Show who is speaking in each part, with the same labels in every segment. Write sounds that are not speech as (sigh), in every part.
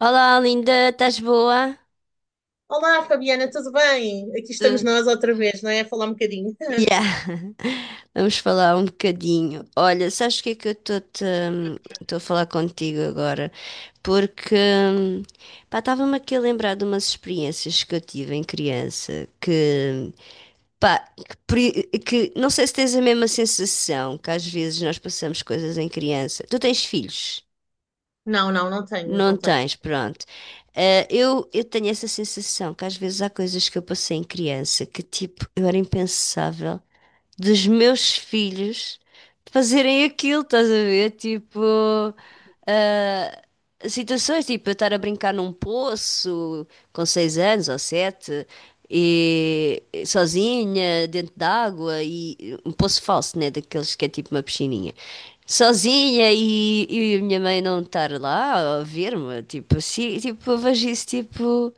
Speaker 1: Olá, linda, estás boa?
Speaker 2: Olá, Fabiana, tudo bem? Aqui estamos
Speaker 1: Tudo.
Speaker 2: nós outra vez, não é? A falar um bocadinho. (laughs)
Speaker 1: Yeah. (laughs) Vamos falar um bocadinho. Olha, sabes o que é que eu estou-te, estou a falar contigo agora? Porque, pá, estava-me aqui a lembrar de umas experiências que eu tive em criança que, pá, que, que não sei se tens a mesma sensação que às vezes nós passamos coisas em criança. Tu tens filhos?
Speaker 2: Não, não, não tenho,
Speaker 1: Não
Speaker 2: não tenho.
Speaker 1: tens, pronto. Eu tenho essa sensação que às vezes há coisas que eu passei em criança que, tipo, eu era impensável dos meus filhos fazerem aquilo, estás a ver? Tipo, eh, situações, tipo, eu estar a brincar num poço com 6 anos ou sete e, sozinha, dentro d'água, e um poço falso, né? Daqueles que é tipo uma piscininha. Sozinha e a minha mãe não estar lá a ver-me, tipo assim, tipo, eu vejo isso, tipo,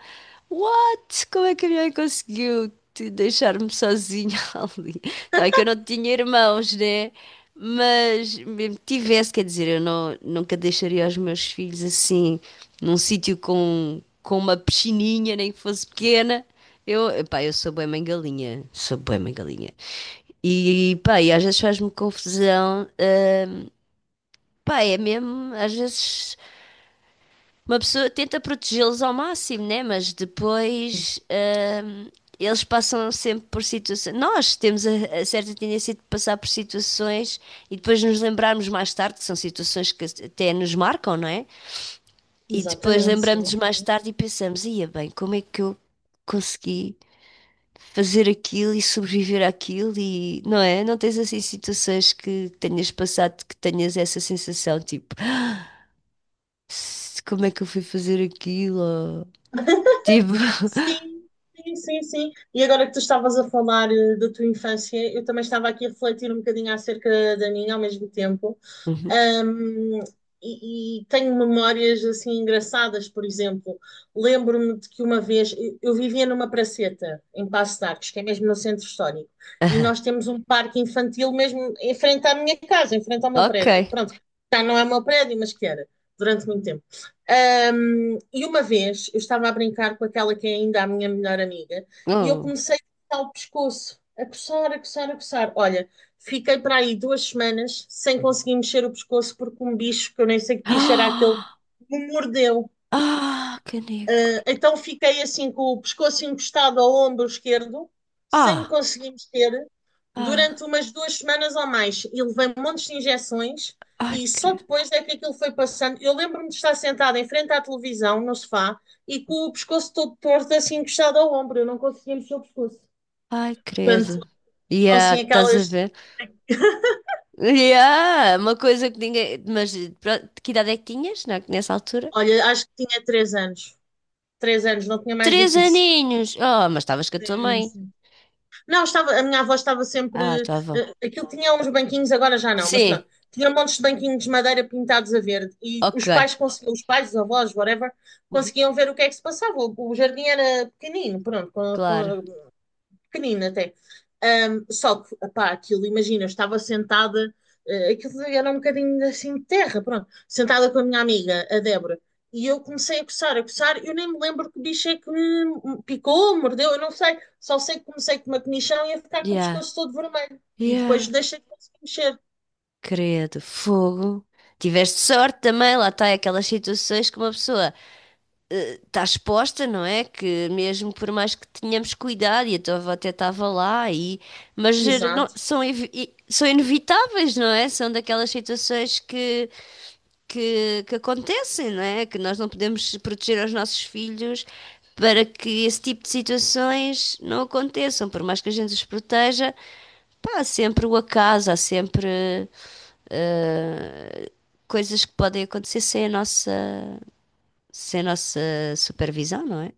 Speaker 1: what? Como é que a minha mãe conseguiu te deixar-me sozinha (laughs) ali? Tá bem que eu não tinha irmãos, né? Mas mesmo que tivesse, quer dizer, eu não, nunca deixaria os meus filhos assim, num sítio com uma piscininha, nem que fosse pequena. Pá, eu sou bué mãe galinha. Sou bué mãe galinha. E pá, às vezes faz-me confusão. Pá, é mesmo, às vezes uma pessoa tenta protegê-los ao máximo, né? Mas depois hum, eles passam sempre por situações. Nós temos a certa tendência de passar por situações e depois nos lembrarmos mais tarde, que são situações que até nos marcam, não é? E depois
Speaker 2: Exatamente, sim.
Speaker 1: lembramos-nos mais tarde e pensamos, ia bem, como é que eu consegui fazer aquilo e sobreviver àquilo, e não é? Não tens assim situações que tenhas passado que tenhas essa sensação, tipo ah, como é que eu fui fazer aquilo? Ou, tipo... (laughs)
Speaker 2: Sim, sim, sim, sim, sim. E agora que tu estavas a falar da tua infância, eu também estava aqui a refletir um bocadinho acerca da minha ao mesmo tempo.
Speaker 1: Uhum.
Speaker 2: Um, e, tenho memórias assim engraçadas, por exemplo, lembro-me de que uma vez eu vivia numa praceta em Passo de Arcos, que é mesmo no centro histórico, e
Speaker 1: Aham.
Speaker 2: nós temos um parque infantil mesmo em frente à minha casa, em frente ao meu
Speaker 1: Ok.
Speaker 2: prédio. Pronto, já não é o meu prédio, mas que era durante muito tempo. E uma vez eu estava a brincar com aquela que é ainda a minha melhor amiga e eu
Speaker 1: Oh. (gasps)
Speaker 2: comecei a coçar o pescoço, a coçar, a coçar, a coçar. Olha, fiquei para aí 2 semanas sem conseguir mexer o pescoço porque um bicho, que eu nem sei que bicho era aquele,
Speaker 1: Ah,
Speaker 2: me mordeu.
Speaker 1: ah, caneco.
Speaker 2: Então fiquei assim com o pescoço encostado ao ombro esquerdo, sem me
Speaker 1: Ah,
Speaker 2: conseguir mexer, durante
Speaker 1: ah,
Speaker 2: umas 2 semanas ou mais. E levei montes de injeções
Speaker 1: ai,
Speaker 2: e só
Speaker 1: credo.
Speaker 2: depois é que aquilo foi passando. Eu lembro-me de estar sentada em frente à televisão, no sofá, e com o pescoço todo torto, assim encostado ao ombro. Eu não conseguia mexer o pescoço.
Speaker 1: Ai,
Speaker 2: Portanto,
Speaker 1: credo. Yeah,
Speaker 2: assim,
Speaker 1: estás a
Speaker 2: aquelas.
Speaker 1: ver? Yeah, uma coisa que ninguém. Mas pronto, que idade é que tinhas nessa altura?
Speaker 2: Olha, acho que tinha 3 anos. 3 anos, não tinha mais do
Speaker 1: Três
Speaker 2: que isso.
Speaker 1: aninhos! Oh, mas estavas com a tua
Speaker 2: Sim,
Speaker 1: mãe.
Speaker 2: sim. Não, estava, a minha avó estava
Speaker 1: Ah,
Speaker 2: sempre.
Speaker 1: estava.
Speaker 2: Aquilo tinha uns banquinhos, agora já não, mas pronto.
Speaker 1: Sim,
Speaker 2: Tinha montes de banquinhos de madeira pintados a verde e os
Speaker 1: ok.
Speaker 2: pais conseguiam, os pais, os avós, whatever,
Speaker 1: Uhum.
Speaker 2: conseguiam ver o que é que se passava. O jardim era pequenino, pronto, com,
Speaker 1: Claro.
Speaker 2: com pequenino até. Só que, pá, aquilo, imagina, eu estava sentada, aquilo era um bocadinho assim de terra, pronto, sentada com a minha amiga, a Débora, e eu comecei a coçar, eu nem me lembro que bicho é que me picou, mordeu, eu não sei, só sei que comecei com uma comichão e a ficar com o
Speaker 1: Yeah,
Speaker 2: pescoço todo vermelho, e depois
Speaker 1: yeah.
Speaker 2: deixei de conseguir mexer.
Speaker 1: Credo, fogo. Tiveste sorte também, lá está, aquelas situações que uma pessoa está exposta, não é? Que mesmo por mais que tenhamos cuidado, e a tua avó até estava lá, e... mas
Speaker 2: Exato.
Speaker 1: são inevitáveis, não é? São daquelas situações que acontecem, não é? Que nós não podemos proteger os nossos filhos para que esse tipo de situações não aconteçam. Por mais que a gente os proteja, pá, há sempre o acaso, há sempre eh, coisas que podem acontecer sem a nossa, sem a nossa supervisão, não é?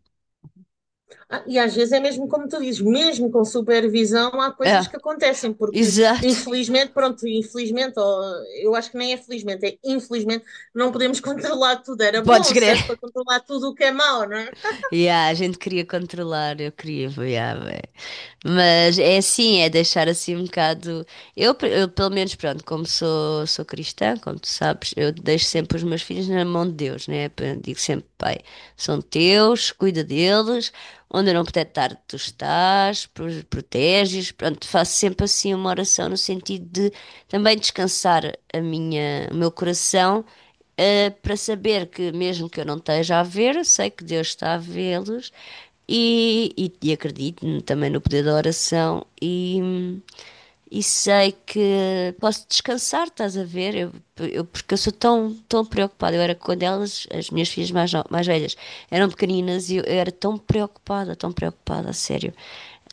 Speaker 2: Ah, e às vezes é mesmo como tu dizes, mesmo com supervisão, há coisas que
Speaker 1: É,
Speaker 2: acontecem, porque
Speaker 1: exato.
Speaker 2: infelizmente, pronto, infelizmente, ou, eu acho que nem é felizmente, é infelizmente, não podemos (laughs) controlar tudo. Era
Speaker 1: Podes
Speaker 2: bom se desse para
Speaker 1: crer.
Speaker 2: controlar tudo o que é mau, não é?
Speaker 1: Yeah, a gente queria controlar, eu queria, yeah, bem. Mas é assim, é deixar assim um bocado. Eu, pelo menos, pronto, como sou cristã, como tu sabes, eu deixo sempre os meus filhos na mão de Deus, né? Eu digo sempre, pai, são teus, cuida deles, onde eu não puder estar, tu estás, proteges. Pronto, faço sempre assim uma oração no sentido de também descansar o meu coração, para saber que mesmo que eu não esteja a ver, eu sei que Deus está a vê-los, e acredito também no poder da oração e sei que posso descansar, estás a ver? Porque eu sou tão, tão preocupada. Eu era, quando elas, as minhas filhas mais, no- mais velhas, eram pequeninas, e eu era tão preocupada, a sério.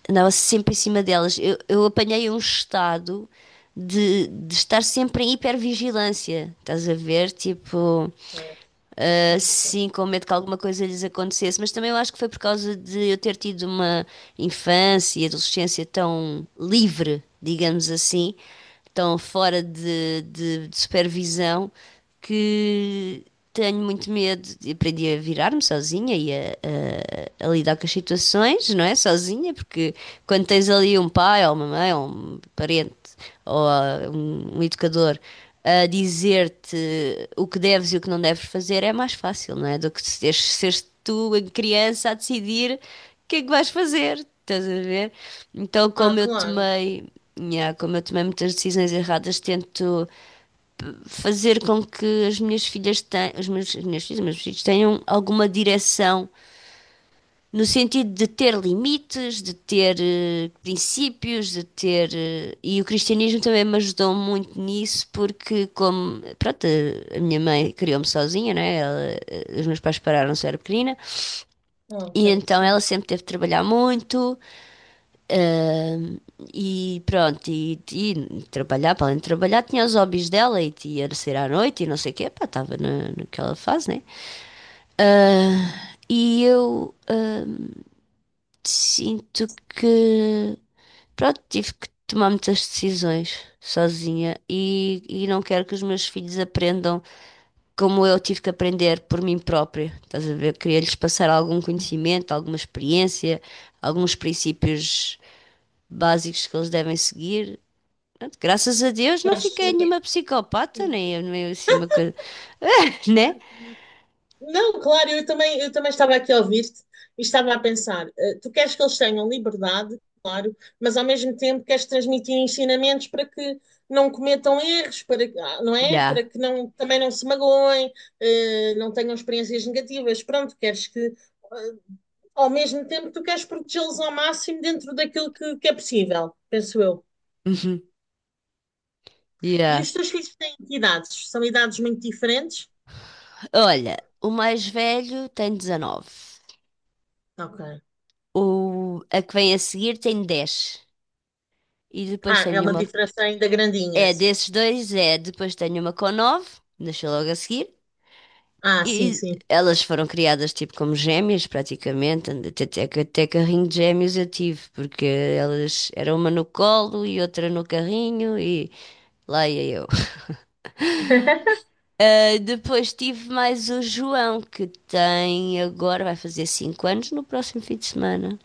Speaker 1: Andava sempre em cima delas. Eu apanhei um estado de estar sempre em hipervigilância, estás a ver? Tipo.
Speaker 2: Pois, sim, sim.
Speaker 1: Sim, com medo que alguma coisa lhes acontecesse. Mas também eu acho que foi por causa de eu ter tido uma infância e adolescência tão livre, digamos assim, tão fora de supervisão, que tenho muito medo. Aprendi a virar-me sozinha e a lidar com as situações, não é? Sozinha, porque quando tens ali um pai ou uma mãe ou um parente ou um educador a dizer-te o que deves e o que não deves fazer, é mais fácil, não é? Do que seres tu, a criança, a decidir o que é que vais fazer, estás a ver? Então,
Speaker 2: Ah,
Speaker 1: como eu
Speaker 2: claro.
Speaker 1: tomei, nhá, como eu tomei muitas decisões erradas, tento fazer com que as minhas filhas tenham, os meus, as minhas filhas, os meus filhos tenham alguma direção, no sentido de ter limites, de ter princípios, e o cristianismo também me ajudou muito nisso, porque, como... Pronto, a minha mãe criou-me sozinha, né? Os meus pais pararam-se, eu era pequenina,
Speaker 2: Ok,
Speaker 1: e então ela
Speaker 2: sim.
Speaker 1: sempre teve de trabalhar muito, ahm, e pronto, e trabalhar, para além de trabalhar, tinha os hobbies dela, e ia sair à noite, e não sei o quê, pá, estava naquela fase, né? Ah, e eu ah, Sinto que, pronto, tive que tomar muitas decisões sozinha, e não quero que os meus filhos aprendam como eu tive que aprender por mim própria. Estás a ver? Queria-lhes passar algum conhecimento, alguma experiência, alguns princípios básicos que eles devem seguir. Pronto, graças a Deus não
Speaker 2: Queres.
Speaker 1: fiquei nenhuma psicopata, nem assim uma coisa, (laughs) né?
Speaker 2: Não, claro, eu também estava aqui a ouvir-te e estava a pensar, tu queres que eles tenham liberdade, claro, mas ao mesmo tempo queres transmitir ensinamentos para que não cometam erros, para, não é? Para
Speaker 1: Já.
Speaker 2: que não, também não se magoem, não tenham experiências negativas. Pronto, queres que, eh, ao mesmo tempo, tu queres protegê-los ao máximo dentro daquilo que é possível, penso eu.
Speaker 1: Uhum.
Speaker 2: E
Speaker 1: Já.
Speaker 2: os teus filhos têm que idades? São idades muito diferentes?
Speaker 1: (laughs) Olha, o mais velho tem 19.
Speaker 2: Ok.
Speaker 1: O, a que vem a seguir tem 10. E depois
Speaker 2: Ah, é
Speaker 1: tenho
Speaker 2: uma
Speaker 1: uma.
Speaker 2: diferença ainda grandinha,
Speaker 1: É
Speaker 2: sim.
Speaker 1: desses dois, é. Depois tenho uma com nove. Nasceu logo a seguir.
Speaker 2: Ah, sim,
Speaker 1: E
Speaker 2: sim.
Speaker 1: elas foram criadas tipo como gêmeas, praticamente. Até carrinho de gêmeos eu tive, porque elas era uma no colo e outra no carrinho, e lá ia eu.
Speaker 2: (laughs)
Speaker 1: Ah, depois tive mais o João, que tem agora, vai fazer 5 anos no próximo fim de semana.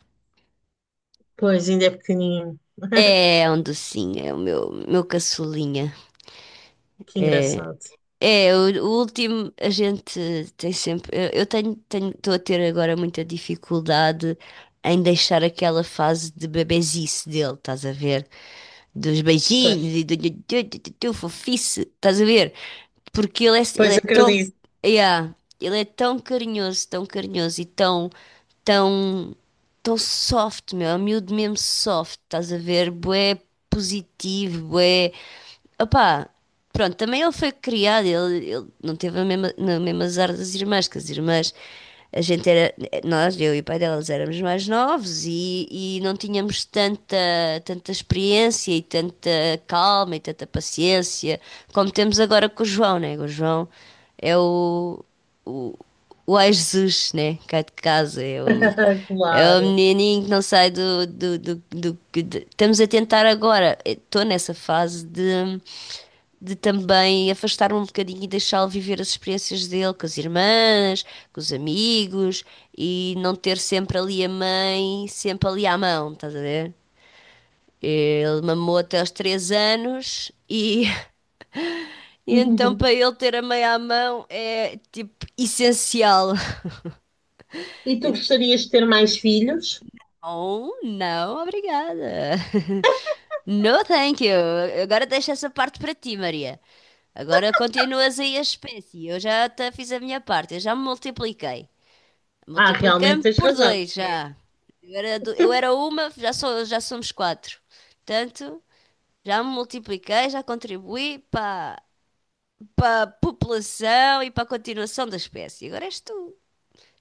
Speaker 2: Pois, ainda é pequenininho. (laughs)
Speaker 1: É um docinho, é o meu caçulinha.
Speaker 2: Que
Speaker 1: É.
Speaker 2: engraçado.
Speaker 1: O último, a gente tem sempre. Estou a ter agora muita dificuldade em deixar aquela fase de bebezice dele, estás a ver? Dos
Speaker 2: Pois,
Speaker 1: beijinhos e do fofice, estás a ver? Porque ele é, ele
Speaker 2: pois
Speaker 1: é tão...
Speaker 2: acredito.
Speaker 1: Yeah, ele é tão carinhoso e tão, tão, tão soft, meu, é um miúdo mesmo soft, estás a ver? Bué positivo, bué. Opá, pronto, também ele foi criado, ele não teve na mesma azar das irmãs, que as irmãs, a gente era, nós, eu e o pai delas, éramos mais novos e não tínhamos tanta, tanta experiência e tanta calma e tanta paciência como temos agora com o João, né? O João é o Jesus, né? Cá de casa, é o,
Speaker 2: (laughs)
Speaker 1: é o
Speaker 2: Claro.
Speaker 1: menininho que não sai do... Estamos a tentar agora. Estou nessa fase de também afastar-me um bocadinho e deixá-lo viver as experiências dele com as irmãs, com os amigos, e não ter sempre ali a mãe, sempre ali à mão, estás a ver? Ele mamou até aos 3 anos, e, (laughs) e então,
Speaker 2: (laughs)
Speaker 1: para ele, ter a mãe à mão é tipo essencial.
Speaker 2: E tu
Speaker 1: (laughs)
Speaker 2: gostarias de ter mais filhos?
Speaker 1: Ou não, obrigada. (laughs) No thank you. Agora deixa essa parte para ti, Maria. Agora continuas aí a espécie. Eu já te fiz a minha parte, eu já me multipliquei.
Speaker 2: Ah, realmente
Speaker 1: Multipliquei-me
Speaker 2: tens
Speaker 1: por
Speaker 2: razão.
Speaker 1: dois
Speaker 2: Sim.
Speaker 1: já. Eu era, eu era uma, já, sou, já somos quatro. Portanto, já me multipliquei, já contribuí para a população e para a continuação da espécie. Agora és tu.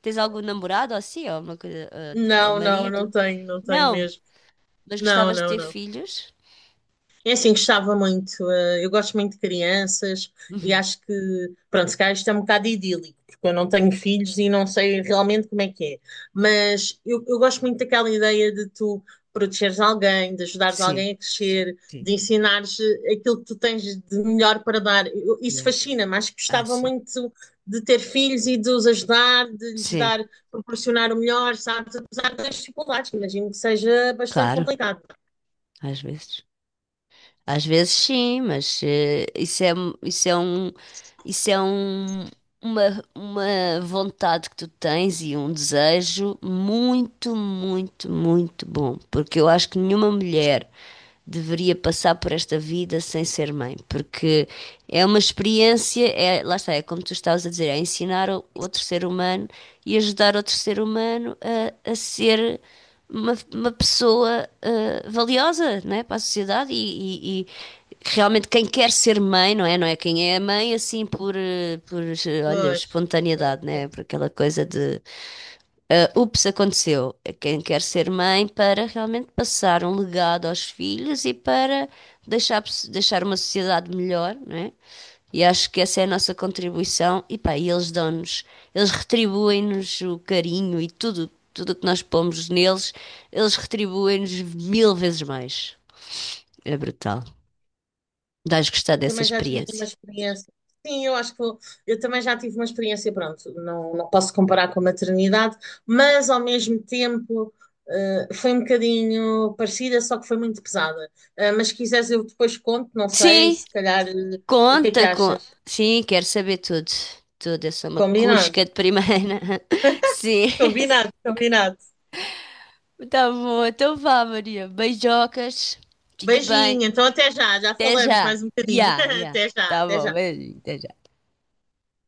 Speaker 1: Tens algum namorado ou assim, ou, uma coisa, ou
Speaker 2: Não, não, não
Speaker 1: marido?
Speaker 2: tenho, não tenho
Speaker 1: Não.
Speaker 2: mesmo.
Speaker 1: Mas
Speaker 2: Não,
Speaker 1: gostavas de
Speaker 2: não,
Speaker 1: ter
Speaker 2: não.
Speaker 1: filhos?
Speaker 2: É assim, gostava muito. Eu gosto muito de crianças e acho que, pronto, se calhar isto é um bocado idílico, porque eu não tenho filhos e não sei realmente como é que é. Mas eu gosto muito daquela ideia de tu protegeres alguém, de ajudares
Speaker 1: Sim,
Speaker 2: alguém a crescer,
Speaker 1: sim,
Speaker 2: de ensinares aquilo que tu tens de melhor para dar. Isso
Speaker 1: yeah.
Speaker 2: fascina-me. Acho que
Speaker 1: Ah,
Speaker 2: gostava
Speaker 1: sim.
Speaker 2: muito de ter filhos e de os ajudar, de lhes
Speaker 1: Sim,
Speaker 2: dar, proporcionar o melhor, sabes? Apesar das dificuldades, que imagino que seja bastante
Speaker 1: claro,
Speaker 2: complicado.
Speaker 1: às vezes. Às vezes sim, mas isso é, isso é um, uma vontade que tu tens, e um desejo muito, muito, muito bom. Porque eu acho que nenhuma mulher deveria passar por esta vida sem ser mãe, porque é uma experiência, é, lá está, é como tu estavas a dizer, é ensinar outro ser humano e ajudar outro ser humano a ser uma pessoa valiosa, né, para a sociedade e realmente quem quer ser mãe, não é? Não é quem é mãe assim por olha,
Speaker 2: Pois.
Speaker 1: espontaneidade, né? Por aquela coisa de ups, aconteceu. É quem quer ser mãe para realmente passar um legado aos filhos e para deixar, deixar uma sociedade melhor, não é? E acho que essa é a nossa contribuição. E pá, eles dão-nos, eles retribuem-nos o carinho, e tudo, tudo o que nós pomos neles, eles retribuem-nos mil vezes mais. É brutal. Dás gostar
Speaker 2: Eu
Speaker 1: dessa
Speaker 2: também já tive uma
Speaker 1: experiência.
Speaker 2: experiência. Sim, eu acho que eu também já tive uma experiência, pronto, não, não posso comparar com a maternidade, mas ao mesmo tempo foi um bocadinho parecida, só que foi muito pesada. Mas se quiseres eu depois conto, não sei,
Speaker 1: Sim,
Speaker 2: se calhar, o que é que
Speaker 1: conta com.
Speaker 2: achas?
Speaker 1: Sim, quero saber tudo. Tudo, eu sou uma
Speaker 2: Combinado,
Speaker 1: cusca de primeira. (laughs) Sim,
Speaker 2: combinado, combinado.
Speaker 1: tá bom, então vá, Maria. Beijocas, fica bem.
Speaker 2: Beijinho, então até já, já
Speaker 1: Até
Speaker 2: falamos
Speaker 1: já.
Speaker 2: mais um bocadinho.
Speaker 1: Ya,
Speaker 2: (laughs)
Speaker 1: ya.
Speaker 2: Até já,
Speaker 1: Tá
Speaker 2: até
Speaker 1: bom,
Speaker 2: já.
Speaker 1: beijinho, até já.